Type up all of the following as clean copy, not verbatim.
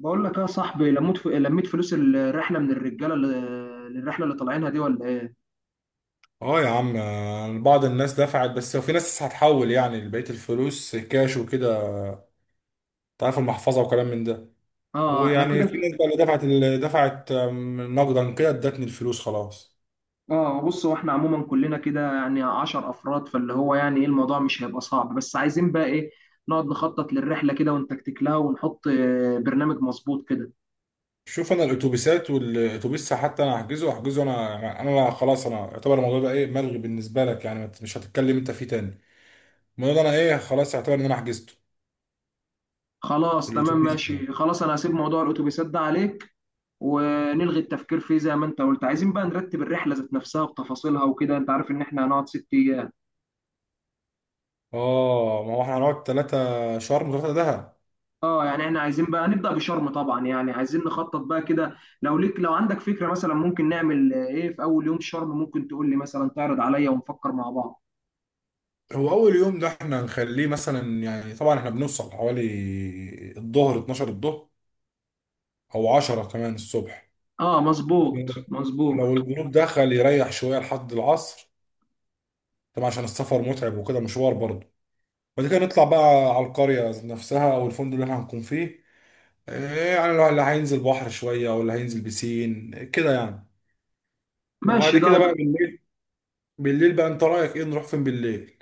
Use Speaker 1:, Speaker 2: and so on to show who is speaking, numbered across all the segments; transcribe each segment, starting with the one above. Speaker 1: بقول لك يا صاحبي، لميت فلوس الرحله من الرجاله للرحله اللي طالعينها دي ولا ايه؟
Speaker 2: اه يا عم، بعض الناس دفعت، بس وفي ناس هتحول يعني بقية الفلوس كاش وكده. تعرف المحفظة وكلام من ده.
Speaker 1: اه احنا
Speaker 2: ويعني
Speaker 1: كده
Speaker 2: في
Speaker 1: ك-
Speaker 2: ناس بقى اللي دفعت نقدا كده ادتني الفلوس خلاص.
Speaker 1: اه، بص هو احنا عموما كلنا كده يعني 10 افراد فاللي هو يعني ايه الموضوع مش هيبقى صعب، بس عايزين بقى ايه نقعد نخطط للرحله كده ونتكتك لها ونحط برنامج مظبوط كده.
Speaker 2: شوف انا الاتوبيسات والاتوبيس حتى انا هحجزه، انا يعني، انا لا خلاص انا اعتبر الموضوع ده ايه، ملغي بالنسبة لك. يعني ما ت- مش هتتكلم انت فيه تاني. الموضوع ده انا ايه، خلاص اعتبر ان انا حجزته.
Speaker 1: خلاص تمام
Speaker 2: الاتوبيس يعني.
Speaker 1: ماشي، خلاص انا هسيب موضوع الاتوبيسات ده عليك ونلغي التفكير فيه زي ما انت قلت. عايزين بقى نرتب الرحله ذات نفسها بتفاصيلها وكده، انت عارف ان احنا هنقعد ست ايام.
Speaker 2: اه ما هو احنا هنقعد ثلاثة شرم وثلاثة دهب.
Speaker 1: اه، يعني احنا عايزين بقى نبدأ بشرم طبعا، يعني عايزين نخطط بقى كده. لو ليك، لو عندك فكرة مثلا ممكن نعمل ايه في اول يوم شرم، ممكن تقول لي مثلا، تعرض عليا ونفكر مع بعض.
Speaker 2: هو اول يوم ده احنا هنخليه مثلا يعني، طبعا احنا بنوصل حوالي الظهر، 12 الظهر او 10 كمان الصبح.
Speaker 1: اه مظبوط
Speaker 2: لو
Speaker 1: مظبوط.
Speaker 2: الجروب دخل يريح شويه لحد العصر طبعا، عشان السفر متعب وكده، مشوار برضه. بعد كده نطلع بقى على القريه نفسها او الفندق اللي احنا هنكون فيه. إيه يعني، لو اللي هينزل بحر شويه او اللي هينزل بسين كده يعني.
Speaker 1: ماشي
Speaker 2: وبعد
Speaker 1: ده.
Speaker 2: كده بقى بالليل، بالليل بقى انت رايك ايه، نروح فين بالليل؟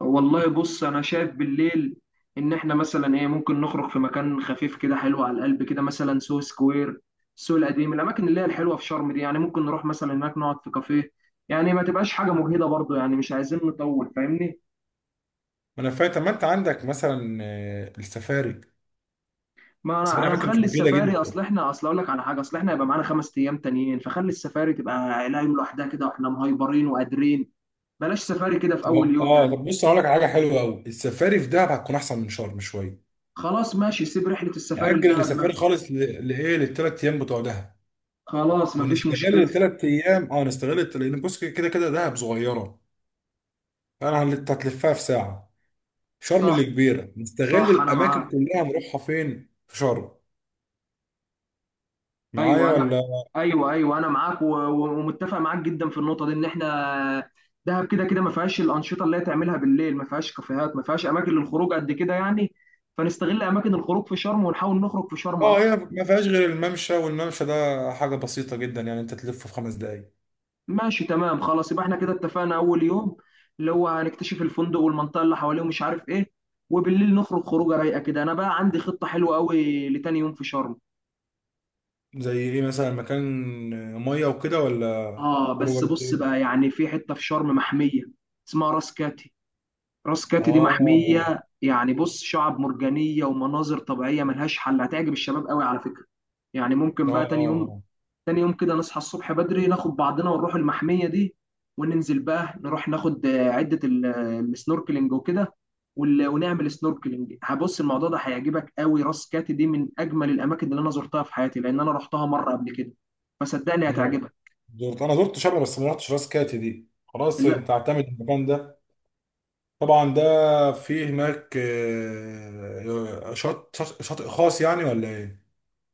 Speaker 1: والله بص، انا شايف بالليل ان احنا مثلا ايه ممكن نخرج في مكان خفيف كده، حلو على القلب كده، مثلا سو سكوير، السوق القديم، الاماكن اللي هي الحلوة في شرم دي، يعني ممكن نروح مثلا هناك نقعد في كافيه، يعني ما تبقاش حاجة مجهدة برضو، يعني مش عايزين نطول، فاهمني.
Speaker 2: ما انا فاهم. طب ما انت عندك مثلا السفاري.
Speaker 1: ما انا
Speaker 2: السفاري
Speaker 1: انا
Speaker 2: على فكره مش
Speaker 1: مخلي
Speaker 2: موجوده
Speaker 1: السفاري، اصل
Speaker 2: جدا.
Speaker 1: احنا اصل اقول لك على حاجه، اصل احنا هيبقى معانا خمس ايام تانيين، فخلي السفاري تبقى عيلة يوم لوحدها كده واحنا مهايبرين وقادرين. بلاش سفاري كده في
Speaker 2: طب،
Speaker 1: اول يوم
Speaker 2: اه
Speaker 1: يعني.
Speaker 2: طب بص هقول لك على حاجه حلوه قوي، السفاري في دهب هتكون احسن من شرم شويه.
Speaker 1: خلاص ماشي، سيب رحله السفاري
Speaker 2: نأجل
Speaker 1: لدهب
Speaker 2: السفاري
Speaker 1: ما.
Speaker 2: خالص لايه، للثلاث ايام بتوع دهب.
Speaker 1: خلاص مفيش
Speaker 2: ونستغل
Speaker 1: مشكله.
Speaker 2: الثلاث ايام، اه نستغل لان بص كده كده دهب صغيره، هتلفها في ساعه. شرم
Speaker 1: صح
Speaker 2: اللي كبيره، نستغل
Speaker 1: صح، انا
Speaker 2: الاماكن
Speaker 1: معاك.
Speaker 2: كلها، نروحها فين في شرم.
Speaker 1: ايوه
Speaker 2: معايا
Speaker 1: انا،
Speaker 2: ولا؟
Speaker 1: ايوه ايوه انا معاك ومتفق معاك جدا في النقطه دي، ان احنا دهب كده كده ما فيهاش الانشطه اللي هي تعملها بالليل، ما فيهاش كافيهات، ما فيهاش اماكن للخروج قد كده يعني. فنستغل اماكن الخروج في شرم ونحاول نخرج في شرم
Speaker 2: اه
Speaker 1: اكتر.
Speaker 2: هي ما فيهاش غير الممشى، والممشى ده حاجه بسيطه جدا يعني، انت تلفه في خمس دقايق.
Speaker 1: ماشي تمام، خلاص يبقى احنا كده اتفقنا اول يوم اللي هو هنكتشف الفندق والمنطقه اللي حواليه ومش عارف ايه، وبالليل نخرج خروجه رايقه كده. انا بقى عندي خطه حلوه قوي لتاني يوم في شرم.
Speaker 2: زي ايه مثلا؟ مكان ميه وكده ولا
Speaker 1: اه
Speaker 2: خروجه
Speaker 1: بس بص
Speaker 2: بالليل؟
Speaker 1: بقى، يعني في حته في شرم محميه اسمها راس كاتي. راس كاتي دي محميه،
Speaker 2: اه
Speaker 1: يعني بص، شعب مرجانيه ومناظر طبيعيه ملهاش حل، هتعجب الشباب قوي على فكره. يعني
Speaker 2: اه
Speaker 1: ممكن
Speaker 2: اه
Speaker 1: بقى تاني يوم تاني يوم كده نصحى الصبح بدري ناخد بعضنا ونروح المحمية دي، وننزل بقى نروح ناخد عدة السنوركلينج وكده، ونعمل سنوركلينج. هبص الموضوع ده هيعجبك قوي. راس كاتي دي من اجمل الاماكن اللي انا زرتها في حياتي لان انا رحتها مرة قبل كده، فصدقني
Speaker 2: نروح.
Speaker 1: هتعجبك.
Speaker 2: زرت، انا زرت شبرا بس ما رحتش راس كاتي دي. خلاص انت اعتمد المكان ده. طبعا ده فيه هناك شط شاطئ خاص يعني، ولا ايه؟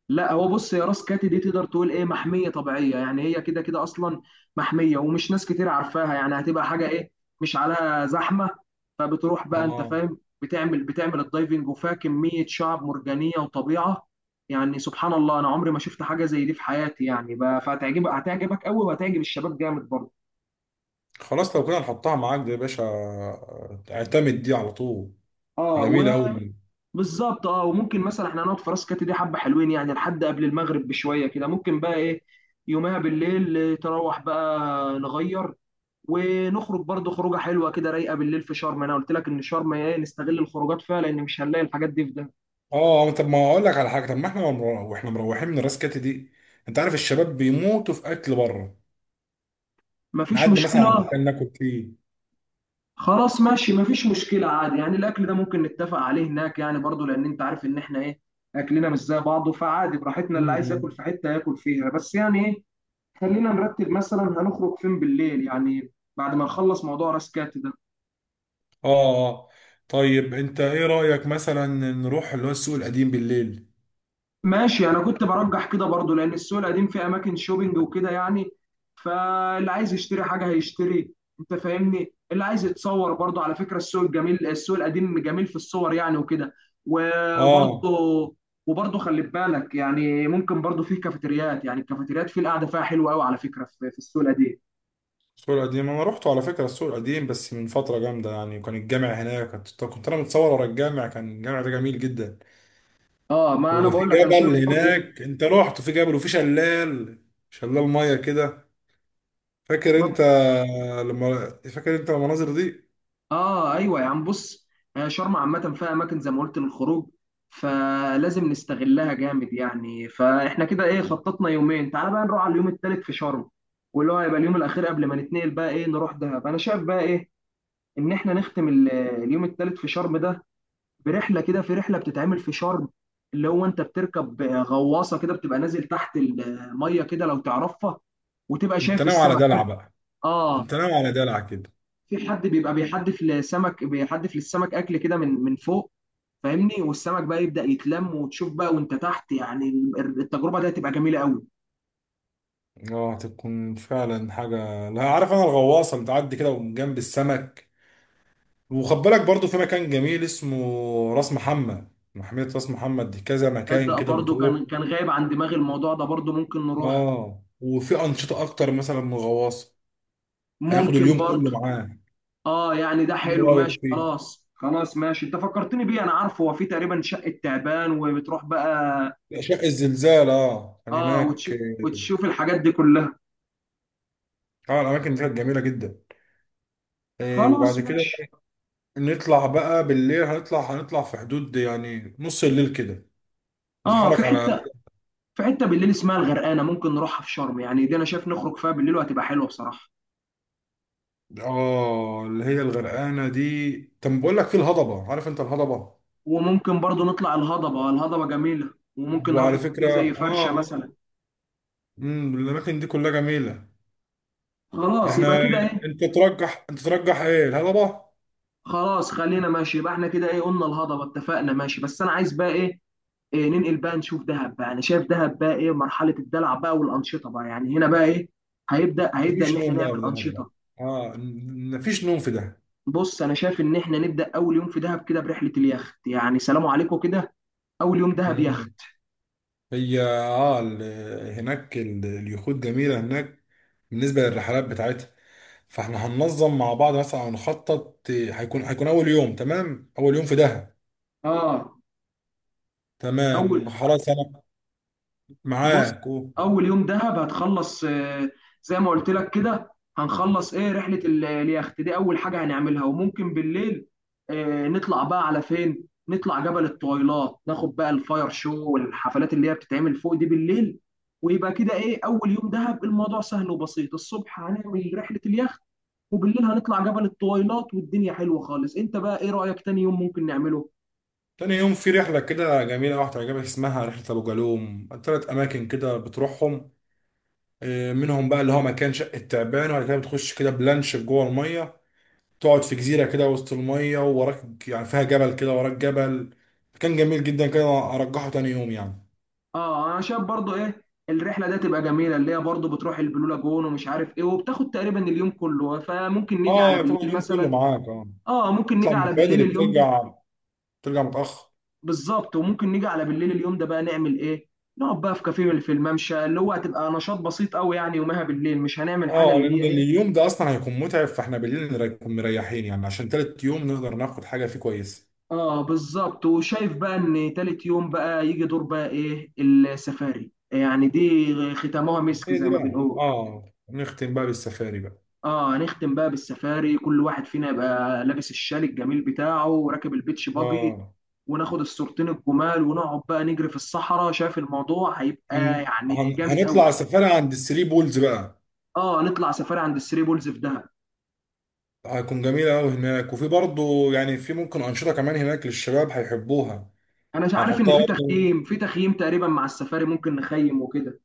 Speaker 1: لا، هو بص يا، راس كاتي دي تقدر تقول ايه محميه طبيعيه، يعني هي كده كده اصلا محميه، ومش ناس كتير عارفاها، يعني هتبقى حاجه ايه مش عليها زحمه. فبتروح بقى انت
Speaker 2: اه
Speaker 1: فاهم، بتعمل الدايفنج وفيها كميه شعب مرجانيه وطبيعه، يعني سبحان الله انا عمري ما شفت حاجه زي دي في حياتي يعني بقى، فهتعجبك هتعجبك قوي وهتعجب الشباب جامد برضه.
Speaker 2: خلاص لو كده نحطها معاك دي يا باشا، اعتمد دي على طول. دي
Speaker 1: اه
Speaker 2: جميله قوي.
Speaker 1: وبالظبط. اه وممكن مثلا احنا هنقعد في راس كاتي دي حبه حلوين، يعني لحد قبل المغرب بشويه كده، ممكن بقى ايه يومها بالليل تروح بقى نغير ونخرج برضو خروجه حلوه كده رايقه بالليل في شرم. انا قلت لك ان شرم ايه نستغل الخروجات فيها لان مش هنلاقي الحاجات دي في ده.
Speaker 2: اه طب ما اقول لك على حاجه، طب ما احنا واحنا مروحين من راس كاتي دي، انت عارف الشباب بيموتوا في اكل بره.
Speaker 1: مفيش
Speaker 2: نعدي مثلا على
Speaker 1: مشكله.
Speaker 2: مكان ناكل فيه.
Speaker 1: خلاص ماشي، مفيش مشكله عادي يعني، الاكل ده ممكن نتفق عليه هناك يعني، برضو لان انت عارف ان احنا ايه، اكلنا مش زي بعضه، فعادي براحتنا،
Speaker 2: م-
Speaker 1: اللي عايز ياكل
Speaker 2: م.
Speaker 1: في حته ياكل فيها، بس يعني ايه خلينا نرتب مثلا هنخرج فين بالليل يعني بعد ما نخلص موضوع راس كات ده.
Speaker 2: اه اه. طيب انت ايه رأيك مثلا نروح اللي هو السوق القديم بالليل؟
Speaker 1: ماشي، انا كنت برجح كده برضو، لان السوق القديم فيه اماكن شوبينج وكده يعني، فاللي عايز يشتري حاجه هيشتري، انت فاهمني اللي عايز يتصور برضو على فكره، السوق الجميل السوق القديم جميل في الصور يعني وكده.
Speaker 2: اه
Speaker 1: وبرضو وبرضو خلي بالك يعني، ممكن برضو فيه كافيتريات، يعني الكافيتريات فيه القعده فيها حلوه قوي على فكره في في السوق القديم.
Speaker 2: السوق القديم انا روحته على فكرة، السوق القديم بس من فترة جامدة يعني، وكان الجامع هناك، كنت انا متصور ورا الجامع. كان الجامع ده جميل جدا.
Speaker 1: اه ما انا
Speaker 2: وفي
Speaker 1: بقول لك، انا
Speaker 2: جبل
Speaker 1: شايف برضو ايه
Speaker 2: هناك، انت رحت؟ في جبل وفي شلال، شلال مية كده، فاكر
Speaker 1: ما.
Speaker 2: انت؟ لما، فاكر انت المناظر دي؟
Speaker 1: اه، ايوه يا عم بص، شرم عامه فيها اماكن زي ما قلت للخروج، فلازم نستغلها جامد يعني. فاحنا كده ايه خططنا يومين. تعال بقى نروح على اليوم التالت في شرم، واللي هو هيبقى اليوم الاخير قبل ما نتنقل بقى ايه نروح دهب. انا شايف بقى ايه ان احنا نختم اليوم التالت في شرم ده برحله كده، في رحله بتتعمل في شرم اللي هو انت بتركب غواصه كده، بتبقى نازل تحت الميه كده لو تعرفها، وتبقى
Speaker 2: انت
Speaker 1: شايف
Speaker 2: ناوي على
Speaker 1: السمك
Speaker 2: دلع
Speaker 1: فيه.
Speaker 2: بقى؟
Speaker 1: اه
Speaker 2: انت ناوي على دلع كده.
Speaker 1: في حد بيبقى بيحدف لسمك، بيحدف للسمك اكل كده من فوق، فاهمني، والسمك بقى يبدأ يتلم وتشوف بقى وانت تحت، يعني التجربة دي هتبقى جميلة قوي.
Speaker 2: اه هتكون فعلا حاجة. لا عارف انا الغواصة بتعدي كده من جنب السمك. وخد بالك برضه في مكان جميل اسمه راس محمد. محمية راس محمد دي كذا مكان
Speaker 1: تصدق
Speaker 2: كده
Speaker 1: برضو
Speaker 2: بتروح.
Speaker 1: كان غايب عن دماغي الموضوع ده، برضو ممكن نروح.
Speaker 2: اه وفي أنشطة أكتر مثلا من غواصة. هياخدوا
Speaker 1: ممكن
Speaker 2: اليوم كله
Speaker 1: برضو.
Speaker 2: معاه.
Speaker 1: اه يعني ده
Speaker 2: ايه
Speaker 1: حلو،
Speaker 2: رأيك
Speaker 1: ماشي
Speaker 2: فيه؟
Speaker 1: خلاص، خلاص ماشي انت فكرتني بيه، انا عارفه هو في تقريبا شقة تعبان وبتروح بقى.
Speaker 2: أشعة الزلزال اه كان
Speaker 1: اه
Speaker 2: هناك.
Speaker 1: وتشوف، وتشوف الحاجات دي كلها.
Speaker 2: اه الأماكن دي كانت جميلة جدا. آه
Speaker 1: خلاص
Speaker 2: وبعد كده
Speaker 1: ماشي.
Speaker 2: نطلع بقى بالليل. هنطلع في حدود يعني نص الليل كده،
Speaker 1: اه في
Speaker 2: نتحرك على.
Speaker 1: حتة في حته بالليل اسمها الغرقانه ممكن نروحها في شرم يعني، دي انا شايف نخرج فيها بالليل وهتبقى حلوه بصراحه.
Speaker 2: اه اللي هي الغرقانة دي. طب بقول لك في الهضبة، عارف انت الهضبة؟
Speaker 1: وممكن برضو نطلع الهضبه، الهضبه جميله، وممكن نروح
Speaker 2: وعلى فكرة،
Speaker 1: في زي
Speaker 2: اه
Speaker 1: فرشه مثلا.
Speaker 2: الاماكن دي كلها جميله.
Speaker 1: خلاص يبقى
Speaker 2: احنا
Speaker 1: كده ايه.
Speaker 2: انت ترجح، انت ترجح ايه، الهضبه؟
Speaker 1: خلاص خلينا ماشي، يبقى احنا كده ايه قلنا الهضبه، اتفقنا ماشي. بس انا عايز بقى إيه ننقل بقى نشوف دهب بقى. انا شايف دهب بقى ايه مرحله الدلع بقى والانشطه بقى يعني، هنا بقى ايه هيبدا ان
Speaker 2: مفيش
Speaker 1: احنا
Speaker 2: نوم بقى
Speaker 1: نعمل
Speaker 2: في دهب بقى.
Speaker 1: انشطه.
Speaker 2: اه مفيش نوم في دهب.
Speaker 1: بص انا شايف ان احنا نبدا اول يوم في دهب كده برحله اليخت، يعني سلام عليكم كده، اول يوم دهب
Speaker 2: مم.
Speaker 1: يخت.
Speaker 2: هي اه هناك اليخوت جميله هناك، بالنسبه للرحلات بتاعتها. فاحنا هننظم مع بعض مثلا او نخطط، هيكون اول يوم تمام. اول يوم في دهب
Speaker 1: اه، اول
Speaker 2: تمام. خلاص انا
Speaker 1: بص
Speaker 2: معاك و...
Speaker 1: اول يوم دهب هتخلص زي ما قلت لك كده، هنخلص ايه رحله اليخت دي اول حاجه هنعملها، وممكن بالليل نطلع بقى على فين، نطلع جبل الطويلات ناخد بقى الفاير شو والحفلات اللي هي بتتعمل فوق دي بالليل. ويبقى كده ايه اول يوم دهب الموضوع سهل وبسيط. الصبح هنعمل رحله اليخت، وبالليل هنطلع جبل الطويلات والدنيا حلوه خالص. انت بقى ايه رايك تاني يوم ممكن نعمله؟
Speaker 2: تاني يوم في رحله كده جميله واحده هتعجبك، اسمها رحله ابو جالوم، ثلاث اماكن كده بتروحهم. منهم بقى اللي هو مكان شقة تعبان. وبعد كده بتخش كده بلانش جوه المية، تقعد في جزيرة كده وسط المية، ووراك يعني فيها جبل كده، وراك جبل. كان جميل جدا كده. أرجحه تاني يوم يعني.
Speaker 1: اه انا شايف برضو ايه الرحله ده تبقى جميله اللي هي برضو بتروح البلو لاجون ومش عارف ايه، وبتاخد تقريبا اليوم كله، فممكن نيجي على
Speaker 2: اه تبقى
Speaker 1: بالليل
Speaker 2: اليوم كله
Speaker 1: مثلا.
Speaker 2: معاك، اه.
Speaker 1: اه ممكن
Speaker 2: تطلع
Speaker 1: نيجي
Speaker 2: من
Speaker 1: على بالليل
Speaker 2: بدري،
Speaker 1: اليوم ده.
Speaker 2: بترجع متأخر.
Speaker 1: بالظبط، وممكن نيجي على بالليل اليوم ده بقى نعمل ايه نقعد بقى في كافيه في الممشى اللي هو هتبقى نشاط بسيط قوي، يعني يومها بالليل مش هنعمل حاجه
Speaker 2: اه
Speaker 1: اللي
Speaker 2: لأن
Speaker 1: هي ايه.
Speaker 2: اليوم ده أصلا هيكون متعب، فاحنا بالليل نكون مريحين يعني، عشان تالت يوم نقدر ناخد حاجة فيه كويسة.
Speaker 1: اه بالظبط، وشايف بقى ان تالت يوم بقى يجي دور بقى ايه السفاري، يعني دي ختامها مسك
Speaker 2: هي
Speaker 1: زي
Speaker 2: دي
Speaker 1: ما
Speaker 2: بقى،
Speaker 1: بنقول.
Speaker 2: اه نختم بقى بالسفاري بقى.
Speaker 1: اه هنختم بقى بالسفاري، كل واحد فينا يبقى لابس الشال الجميل بتاعه وراكب البيتش باجي،
Speaker 2: اه
Speaker 1: وناخد الصورتين الجمال ونقعد بقى نجري في الصحراء، شايف الموضوع هيبقى يعني جامد
Speaker 2: هنطلع
Speaker 1: قوي.
Speaker 2: سفاري عند الثري بولز بقى.
Speaker 1: اه نطلع سفاري عند الثري بولز في دهب.
Speaker 2: هيكون جميلة أوي هناك، وفي برضه يعني في ممكن أنشطة كمان هناك للشباب هيحبوها.
Speaker 1: انا مش عارف ان
Speaker 2: هنحطها
Speaker 1: في
Speaker 2: برضه.
Speaker 1: تخييم، في تخييم تقريبا مع السفاري ممكن نخيم وكده.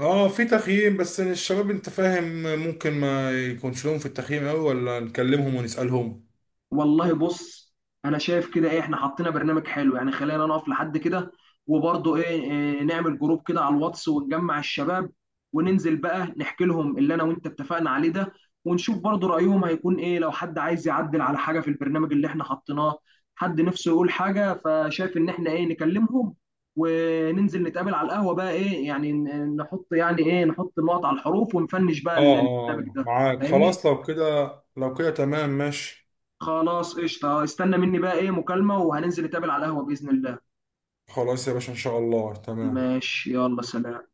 Speaker 2: اه في تخييم، بس الشباب انت فاهم، ممكن ما يكونش لهم في التخييم أوي، ولا نكلمهم ونسألهم؟
Speaker 1: والله بص، انا شايف كده ايه احنا حطينا برنامج حلو يعني، خلينا نقف لحد كده وبرضه إيه نعمل جروب كده على الواتس ونجمع الشباب، وننزل بقى نحكي لهم اللي انا وانت اتفقنا عليه ده، ونشوف برضه رأيهم هيكون ايه، لو حد عايز يعدل على حاجة في البرنامج اللي احنا حطيناه، حد نفسه يقول حاجة، فشايف ان احنا ايه نكلمهم وننزل نتقابل على القهوة بقى ايه، يعني نحط يعني ايه نحط النقط على الحروف ونفنش بقى
Speaker 2: اه اه
Speaker 1: البرنامج ده،
Speaker 2: معاك
Speaker 1: فاهمني.
Speaker 2: خلاص. لو كده، لو كده تمام ماشي.
Speaker 1: خلاص قشطة، استنى مني بقى ايه مكالمة وهننزل نتقابل على القهوة بإذن الله.
Speaker 2: خلاص يا باشا إن شاء الله، تمام.
Speaker 1: ماشي، يلا سلام.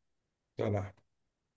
Speaker 2: سلام.